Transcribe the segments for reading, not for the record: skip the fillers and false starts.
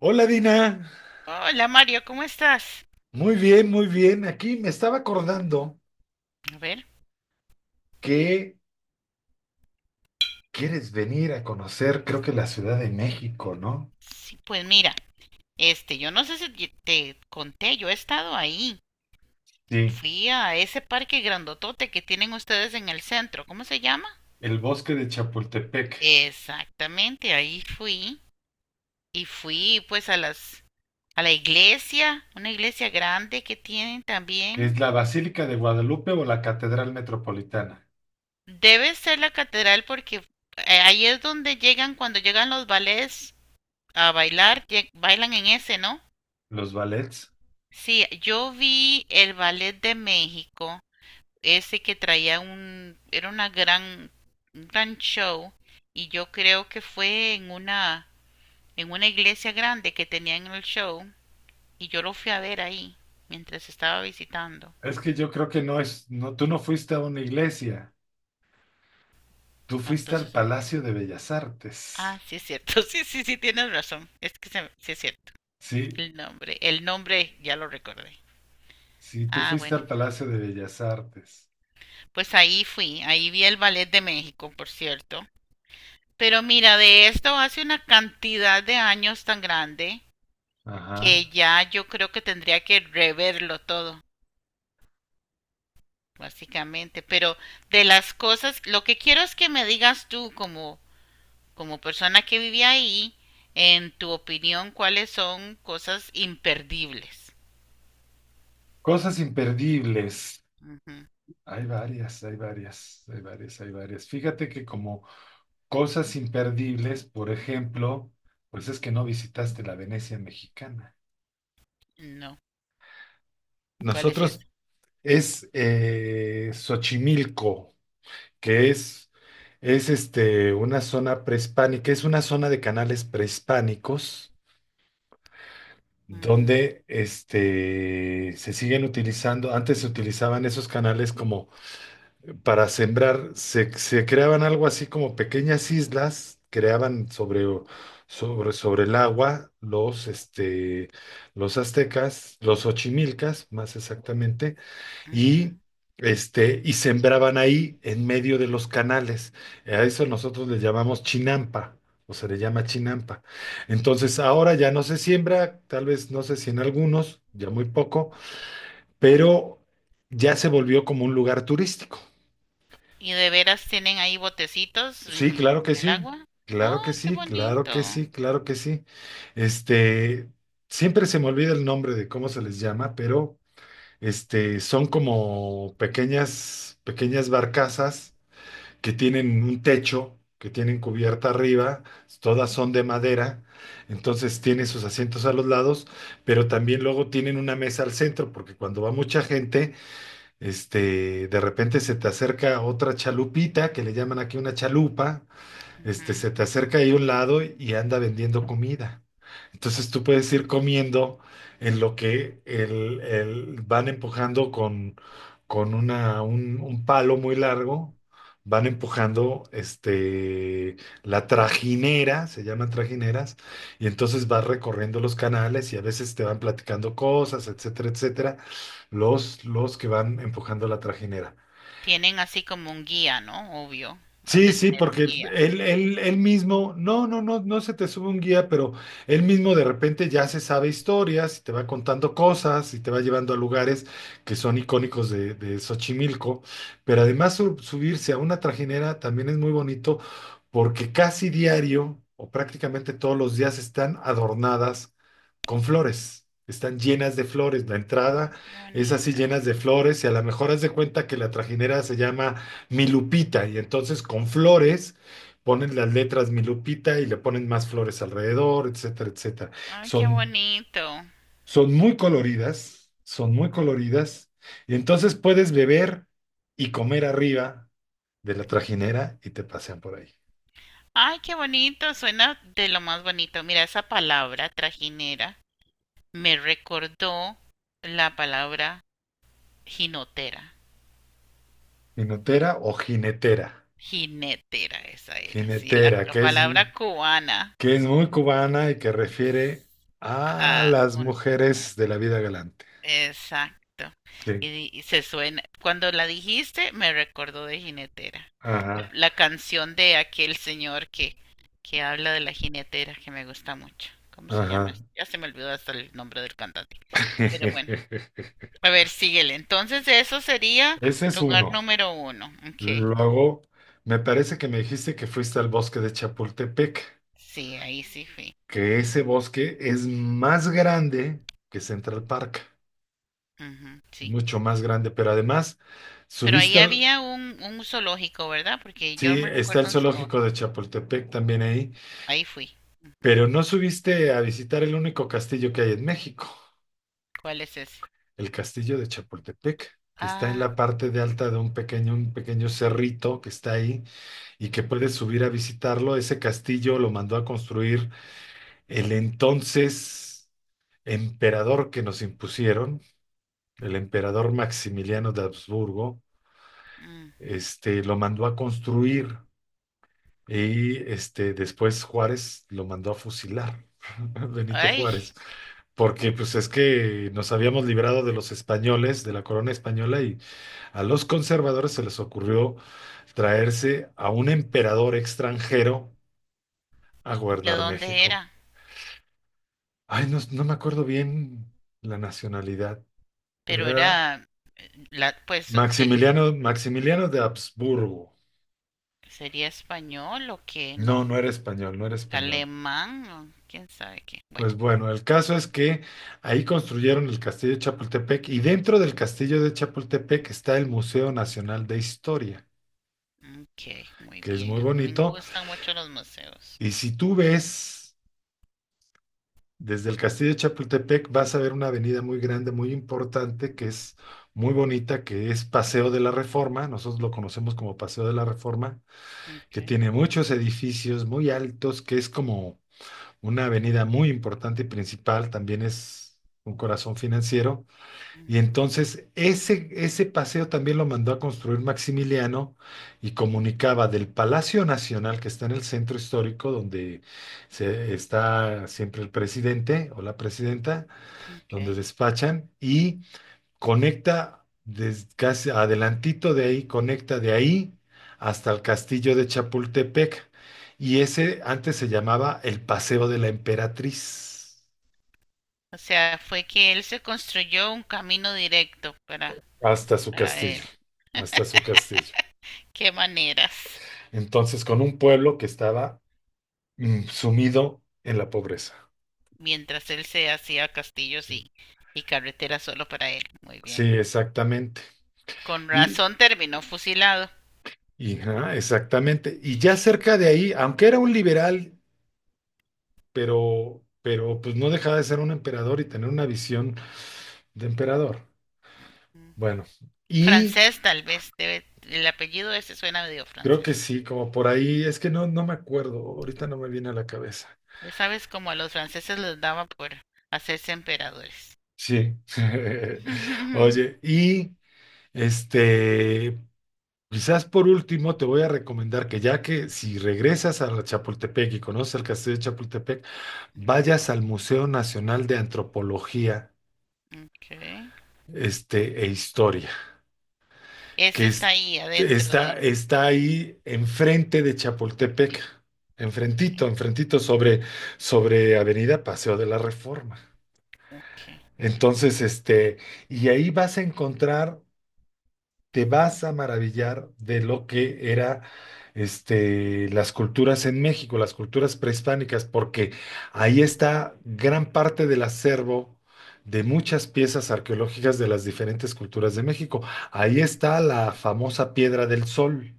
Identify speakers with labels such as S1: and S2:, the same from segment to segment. S1: Hola Dina,
S2: Hola Mario, ¿cómo estás?
S1: muy bien, muy bien. Aquí me estaba acordando
S2: A ver,
S1: que quieres venir a conocer, creo que la Ciudad de México, ¿no?
S2: sí, pues mira, yo no sé si te conté, yo he estado ahí.
S1: Sí,
S2: Fui a ese parque grandotote que tienen ustedes en el centro, ¿cómo se llama?
S1: el bosque de Chapultepec,
S2: Exactamente, ahí fui y fui pues a las a la iglesia, una iglesia grande que tienen
S1: que es
S2: también.
S1: la Basílica de Guadalupe o la Catedral Metropolitana,
S2: Debe ser la catedral porque ahí es donde llegan cuando llegan los ballets a bailar, bailan en ese, ¿no?
S1: los ballets.
S2: Sí, yo vi el ballet de México, ese que era una un gran show, y yo creo que fue en en una iglesia grande que tenían el show, y yo lo fui a ver ahí, mientras estaba visitando.
S1: Es que yo creo que no es, no, tú no fuiste a una iglesia, tú fuiste al
S2: Entonces, an-
S1: Palacio de Bellas Artes.
S2: sí es cierto, sí, sí, sí, tienes razón, es que sí es cierto.
S1: Sí,
S2: El nombre ya lo recordé.
S1: sí, tú
S2: Ah,
S1: fuiste al
S2: bueno,
S1: Palacio de Bellas Artes.
S2: pues ahí fui, ahí vi el ballet de México, por cierto. Pero mira, de esto hace una cantidad de años tan grande
S1: Ajá.
S2: que ya yo creo que tendría que reverlo todo, básicamente. Pero de las cosas, lo que quiero es que me digas tú como persona que vivía ahí, en tu opinión, cuáles son cosas imperdibles.
S1: Cosas imperdibles.
S2: Ujú.
S1: Hay varias, hay varias, hay varias, hay varias. Fíjate que como cosas imperdibles, por ejemplo, pues es que no visitaste la Venecia mexicana.
S2: No, ¿cuál es esa?
S1: Nosotros es Xochimilco, que es una zona prehispánica, es una zona de canales prehispánicos
S2: Mm,
S1: donde se siguen utilizando. Antes se utilizaban esos canales como para sembrar, se creaban algo así como pequeñas islas, creaban sobre, sobre el agua los aztecas, los ochimilcas más exactamente,
S2: ujú.
S1: y, y sembraban ahí en medio de los canales. A eso nosotros le llamamos chinampa. O se le llama chinampa. Entonces, ahora ya no se siembra, tal vez no sé si en algunos, ya muy poco, pero ya se volvió como un lugar turístico.
S2: ¿Y de veras tienen ahí botecitos
S1: Sí, claro
S2: en
S1: que
S2: el
S1: sí,
S2: agua?
S1: claro que
S2: ¡Ah, qué
S1: sí, claro
S2: bonito!
S1: que sí, claro que sí. Este, siempre se me olvida el nombre de cómo se les llama, pero son como pequeñas, pequeñas barcazas que tienen un techo, que tienen cubierta arriba, todas son de madera, entonces tiene sus
S2: Mm,
S1: asientos a los lados, pero también luego tienen una mesa al centro, porque cuando va mucha gente, de repente se te acerca otra chalupita, que le llaman aquí una chalupa.
S2: ujú.
S1: Se te acerca ahí a un lado y anda vendiendo comida. Entonces tú puedes ir comiendo en lo que van empujando con, un palo muy largo, van empujando la trajinera, se llaman trajineras, y entonces vas recorriendo los canales y a veces te van platicando cosas, etcétera, etcétera, los que van empujando la trajinera.
S2: Tienen así como un guía, ¿no? Obvio, han
S1: Sí,
S2: de
S1: sí,
S2: tener un
S1: porque
S2: guía.
S1: él mismo, no, no, no, no se te sube un guía, pero él mismo de repente ya se sabe historias y te va contando cosas y te va llevando a lugares que son icónicos de Xochimilco. Pero además subirse a una trajinera también es muy bonito porque casi diario o prácticamente todos los días están adornadas con flores. Están llenas de flores, la entrada
S2: Ay, qué
S1: es así
S2: bonita.
S1: llenas de flores y a lo mejor haz de cuenta que la trajinera se llama Mi Lupita, y entonces con flores ponen las letras Mi Lupita y le ponen más flores alrededor, etcétera, etcétera.
S2: Ay, qué
S1: Son,
S2: bonito.
S1: son muy coloridas, son muy coloridas, y entonces puedes beber y comer arriba de la trajinera y te pasean por ahí.
S2: Ay, qué bonito. Suena de lo más bonito. Mira, esa palabra trajinera me recordó la palabra jinotera.
S1: Jinotera o jinetera.
S2: Jinetera, esa era. Sí, la
S1: Jinetera, que es,
S2: palabra cubana.
S1: que es muy cubana y que refiere a
S2: Ah,
S1: las mujeres de la vida galante.
S2: exacto.
S1: Sí,
S2: Y se suena, cuando la dijiste, me recordó de jinetera.
S1: ajá,
S2: La canción de aquel que habla de la jinetera, que me gusta mucho. ¿Cómo se llama?
S1: ajá.
S2: Ya se me olvidó hasta el nombre del cantante. Pero bueno, a ver, síguele. Entonces, eso sería
S1: Ese es
S2: lugar
S1: uno.
S2: número uno. Ok.
S1: Luego, me parece que me dijiste que fuiste al bosque de Chapultepec,
S2: Sí, ahí sí fui.
S1: que ese bosque es más grande que Central Park,
S2: Ujú, sí.
S1: mucho más grande, pero además
S2: Pero ahí
S1: subiste al,
S2: había un zoológico, ¿verdad? Porque yo
S1: sí,
S2: me
S1: está el
S2: recuerdo un
S1: zoológico
S2: zoológico.
S1: de Chapultepec también ahí,
S2: Ahí fui.
S1: pero no subiste a visitar el único castillo que hay en México,
S2: ¿Cuál es ese?
S1: el castillo de Chapultepec, que está en
S2: Ah,
S1: la parte de alta de un pequeño cerrito que está ahí y que puedes subir a visitarlo. Ese castillo lo mandó a construir el entonces emperador que nos impusieron, el emperador Maximiliano de Habsburgo.
S2: mm.
S1: Lo mandó a construir y después Juárez lo mandó a fusilar, Benito
S2: Ay,
S1: Juárez, porque pues es que nos habíamos librado de los españoles, de la corona española, y a los conservadores se les ocurrió traerse a un emperador extranjero a
S2: ¿de
S1: gobernar
S2: dónde
S1: México.
S2: era?
S1: Ay, no, no me acuerdo bien la nacionalidad. Pero
S2: Pero
S1: era
S2: era, la, pues, de,
S1: Maximiliano, Maximiliano de Habsburgo.
S2: ¿sería español o qué?
S1: No,
S2: No,
S1: no era español, no era español.
S2: alemán o quién sabe qué. Bueno,
S1: Pues bueno, el caso es que ahí construyeron el castillo de Chapultepec y dentro del castillo de Chapultepec está el Museo Nacional de Historia,
S2: ok, muy
S1: que es
S2: bien.
S1: muy
S2: A mí me
S1: bonito.
S2: gustan mucho los museos.
S1: Y si tú ves desde el castillo de Chapultepec, vas a ver una avenida muy grande, muy importante, que es muy bonita, que es Paseo de la Reforma. Nosotros lo conocemos como Paseo de la Reforma,
S2: Ok,
S1: que tiene muchos edificios muy altos, que es como una avenida muy importante y principal. También es un corazón financiero. Y
S2: ujú,
S1: entonces ese paseo también lo mandó a construir Maximiliano y comunicaba del Palacio Nacional que está en el centro histórico, donde está siempre el presidente o la presidenta, donde
S2: ok.
S1: despachan, y conecta desde casi adelantito de ahí, conecta de ahí hasta el castillo de Chapultepec. Y ese antes se llamaba el Paseo de la Emperatriz,
S2: O sea, fue que él se construyó un camino directo
S1: hasta su
S2: para él.
S1: castillo, hasta su castillo.
S2: Qué maneras.
S1: Entonces, con un pueblo que estaba sumido en la pobreza.
S2: Mientras él se hacía
S1: Sí,
S2: y carreteras solo para él. Muy
S1: sí,
S2: bien.
S1: exactamente.
S2: Con
S1: Y,
S2: razón terminó fusilado.
S1: ajá, exactamente. Y ya cerca de ahí, aunque era un liberal, pero, pues no dejaba de ser un emperador y tener una visión de emperador. Bueno, y
S2: Francés, tal vez. Debe, el apellido ese suena medio
S1: creo que
S2: francés.
S1: sí, como por ahí, es que no, no me acuerdo, ahorita no me viene a la cabeza.
S2: Ya sabes, como a los franceses les daba por hacerse emperadores.
S1: Sí. Oye, y este, quizás por último te voy a recomendar que ya que si regresas a Chapultepec y conoces el castillo de Chapultepec, vayas al Museo Nacional de Antropología,
S2: Ok.
S1: e Historia.
S2: Ese
S1: que
S2: está
S1: es-
S2: ahí adentro de
S1: está,
S2: él.
S1: está ahí enfrente de Chapultepec,
S2: Ok.
S1: enfrentito, enfrentito sobre Avenida Paseo de la Reforma.
S2: Ok.
S1: Entonces, y ahí vas a encontrar, te vas a maravillar de lo que era, las culturas en México, las culturas prehispánicas, porque ahí está gran parte del acervo de muchas piezas arqueológicas de las diferentes culturas de México. Ahí está la famosa Piedra del Sol,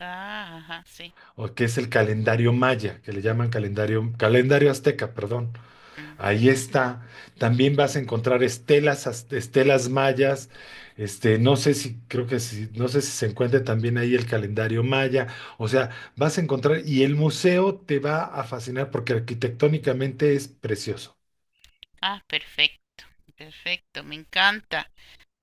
S2: Ah, ajá, sí.
S1: o que es el calendario maya, que le llaman calendario, calendario azteca, perdón.
S2: Ujú.
S1: Ahí está. También vas a encontrar estelas, estelas mayas. No sé si, creo que si, no sé si se encuentra también ahí el calendario maya. O sea, vas a encontrar, y el museo te va a fascinar porque arquitectónicamente es precioso.
S2: Ah, perfecto. Perfecto, me encanta.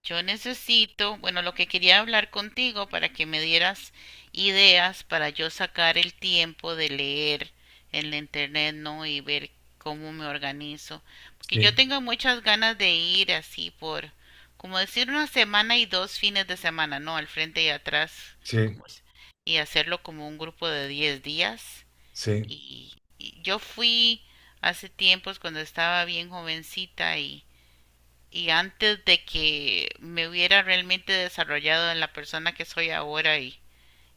S2: Yo necesito, bueno, lo que quería hablar contigo para que me dieras ideas para yo sacar el tiempo de leer en la internet, ¿no? Y ver cómo me organizo. Porque yo
S1: Sí,
S2: tengo muchas ganas de ir así como decir, una semana y dos fines de semana, ¿no? Al frente y atrás,
S1: sí,
S2: como es- y hacerlo como un grupo de 10 días.
S1: sí,
S2: Y yo fui hace tiempos cuando estaba bien jovencita y antes de que me hubiera realmente desarrollado en la persona que soy ahora y,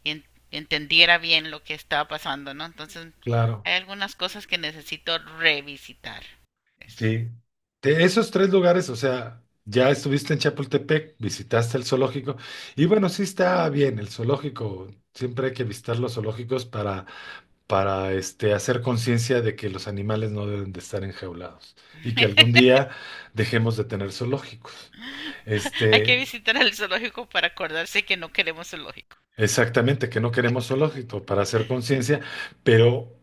S2: y en- entendiera bien lo que estaba pasando, ¿no? Entonces,
S1: claro.
S2: hay algunas cosas que necesito revisitar. Es-
S1: Sí. De esos tres lugares, o sea, ya estuviste en Chapultepec, visitaste el zoológico, y bueno, sí está bien el zoológico. Siempre hay que visitar los zoológicos para, hacer conciencia de que los animales no deben de estar enjaulados y que algún día dejemos de tener zoológicos.
S2: Hay que
S1: Este,
S2: visitar el zoológico para acordarse que no queremos zoológico.
S1: exactamente, que no queremos zoológico para hacer conciencia, pero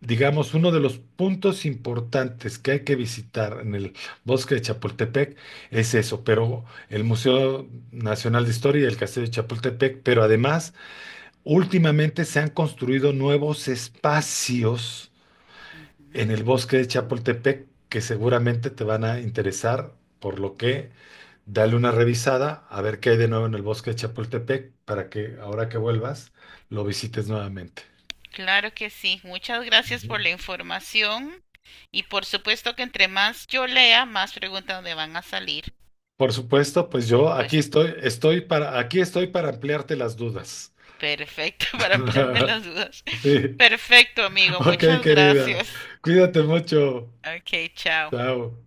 S1: digamos, uno de los puntos importantes que hay que visitar en el bosque de Chapultepec es eso, pero el Museo Nacional de Historia y el Castillo de Chapultepec. Pero además últimamente se han construido nuevos espacios
S2: Ujú.
S1: en el bosque de Chapultepec que seguramente te van a interesar, por lo que dale una revisada a ver qué hay de nuevo en el bosque de Chapultepec para que ahora que vuelvas lo visites nuevamente.
S2: Claro que sí. Muchas gracias
S1: Ujú.
S2: por la información y por supuesto que entre más yo lea, más preguntas me van a salir.
S1: Por supuesto, pues
S2: Y
S1: yo aquí
S2: pues
S1: estoy, aquí estoy para ampliarte las dudas.
S2: perfecto para ampliarme las dudas.
S1: Sí,
S2: Perfecto, amigo.
S1: ok,
S2: Muchas
S1: querida.
S2: gracias.
S1: Cuídate mucho.
S2: Ok, chao.
S1: Chao.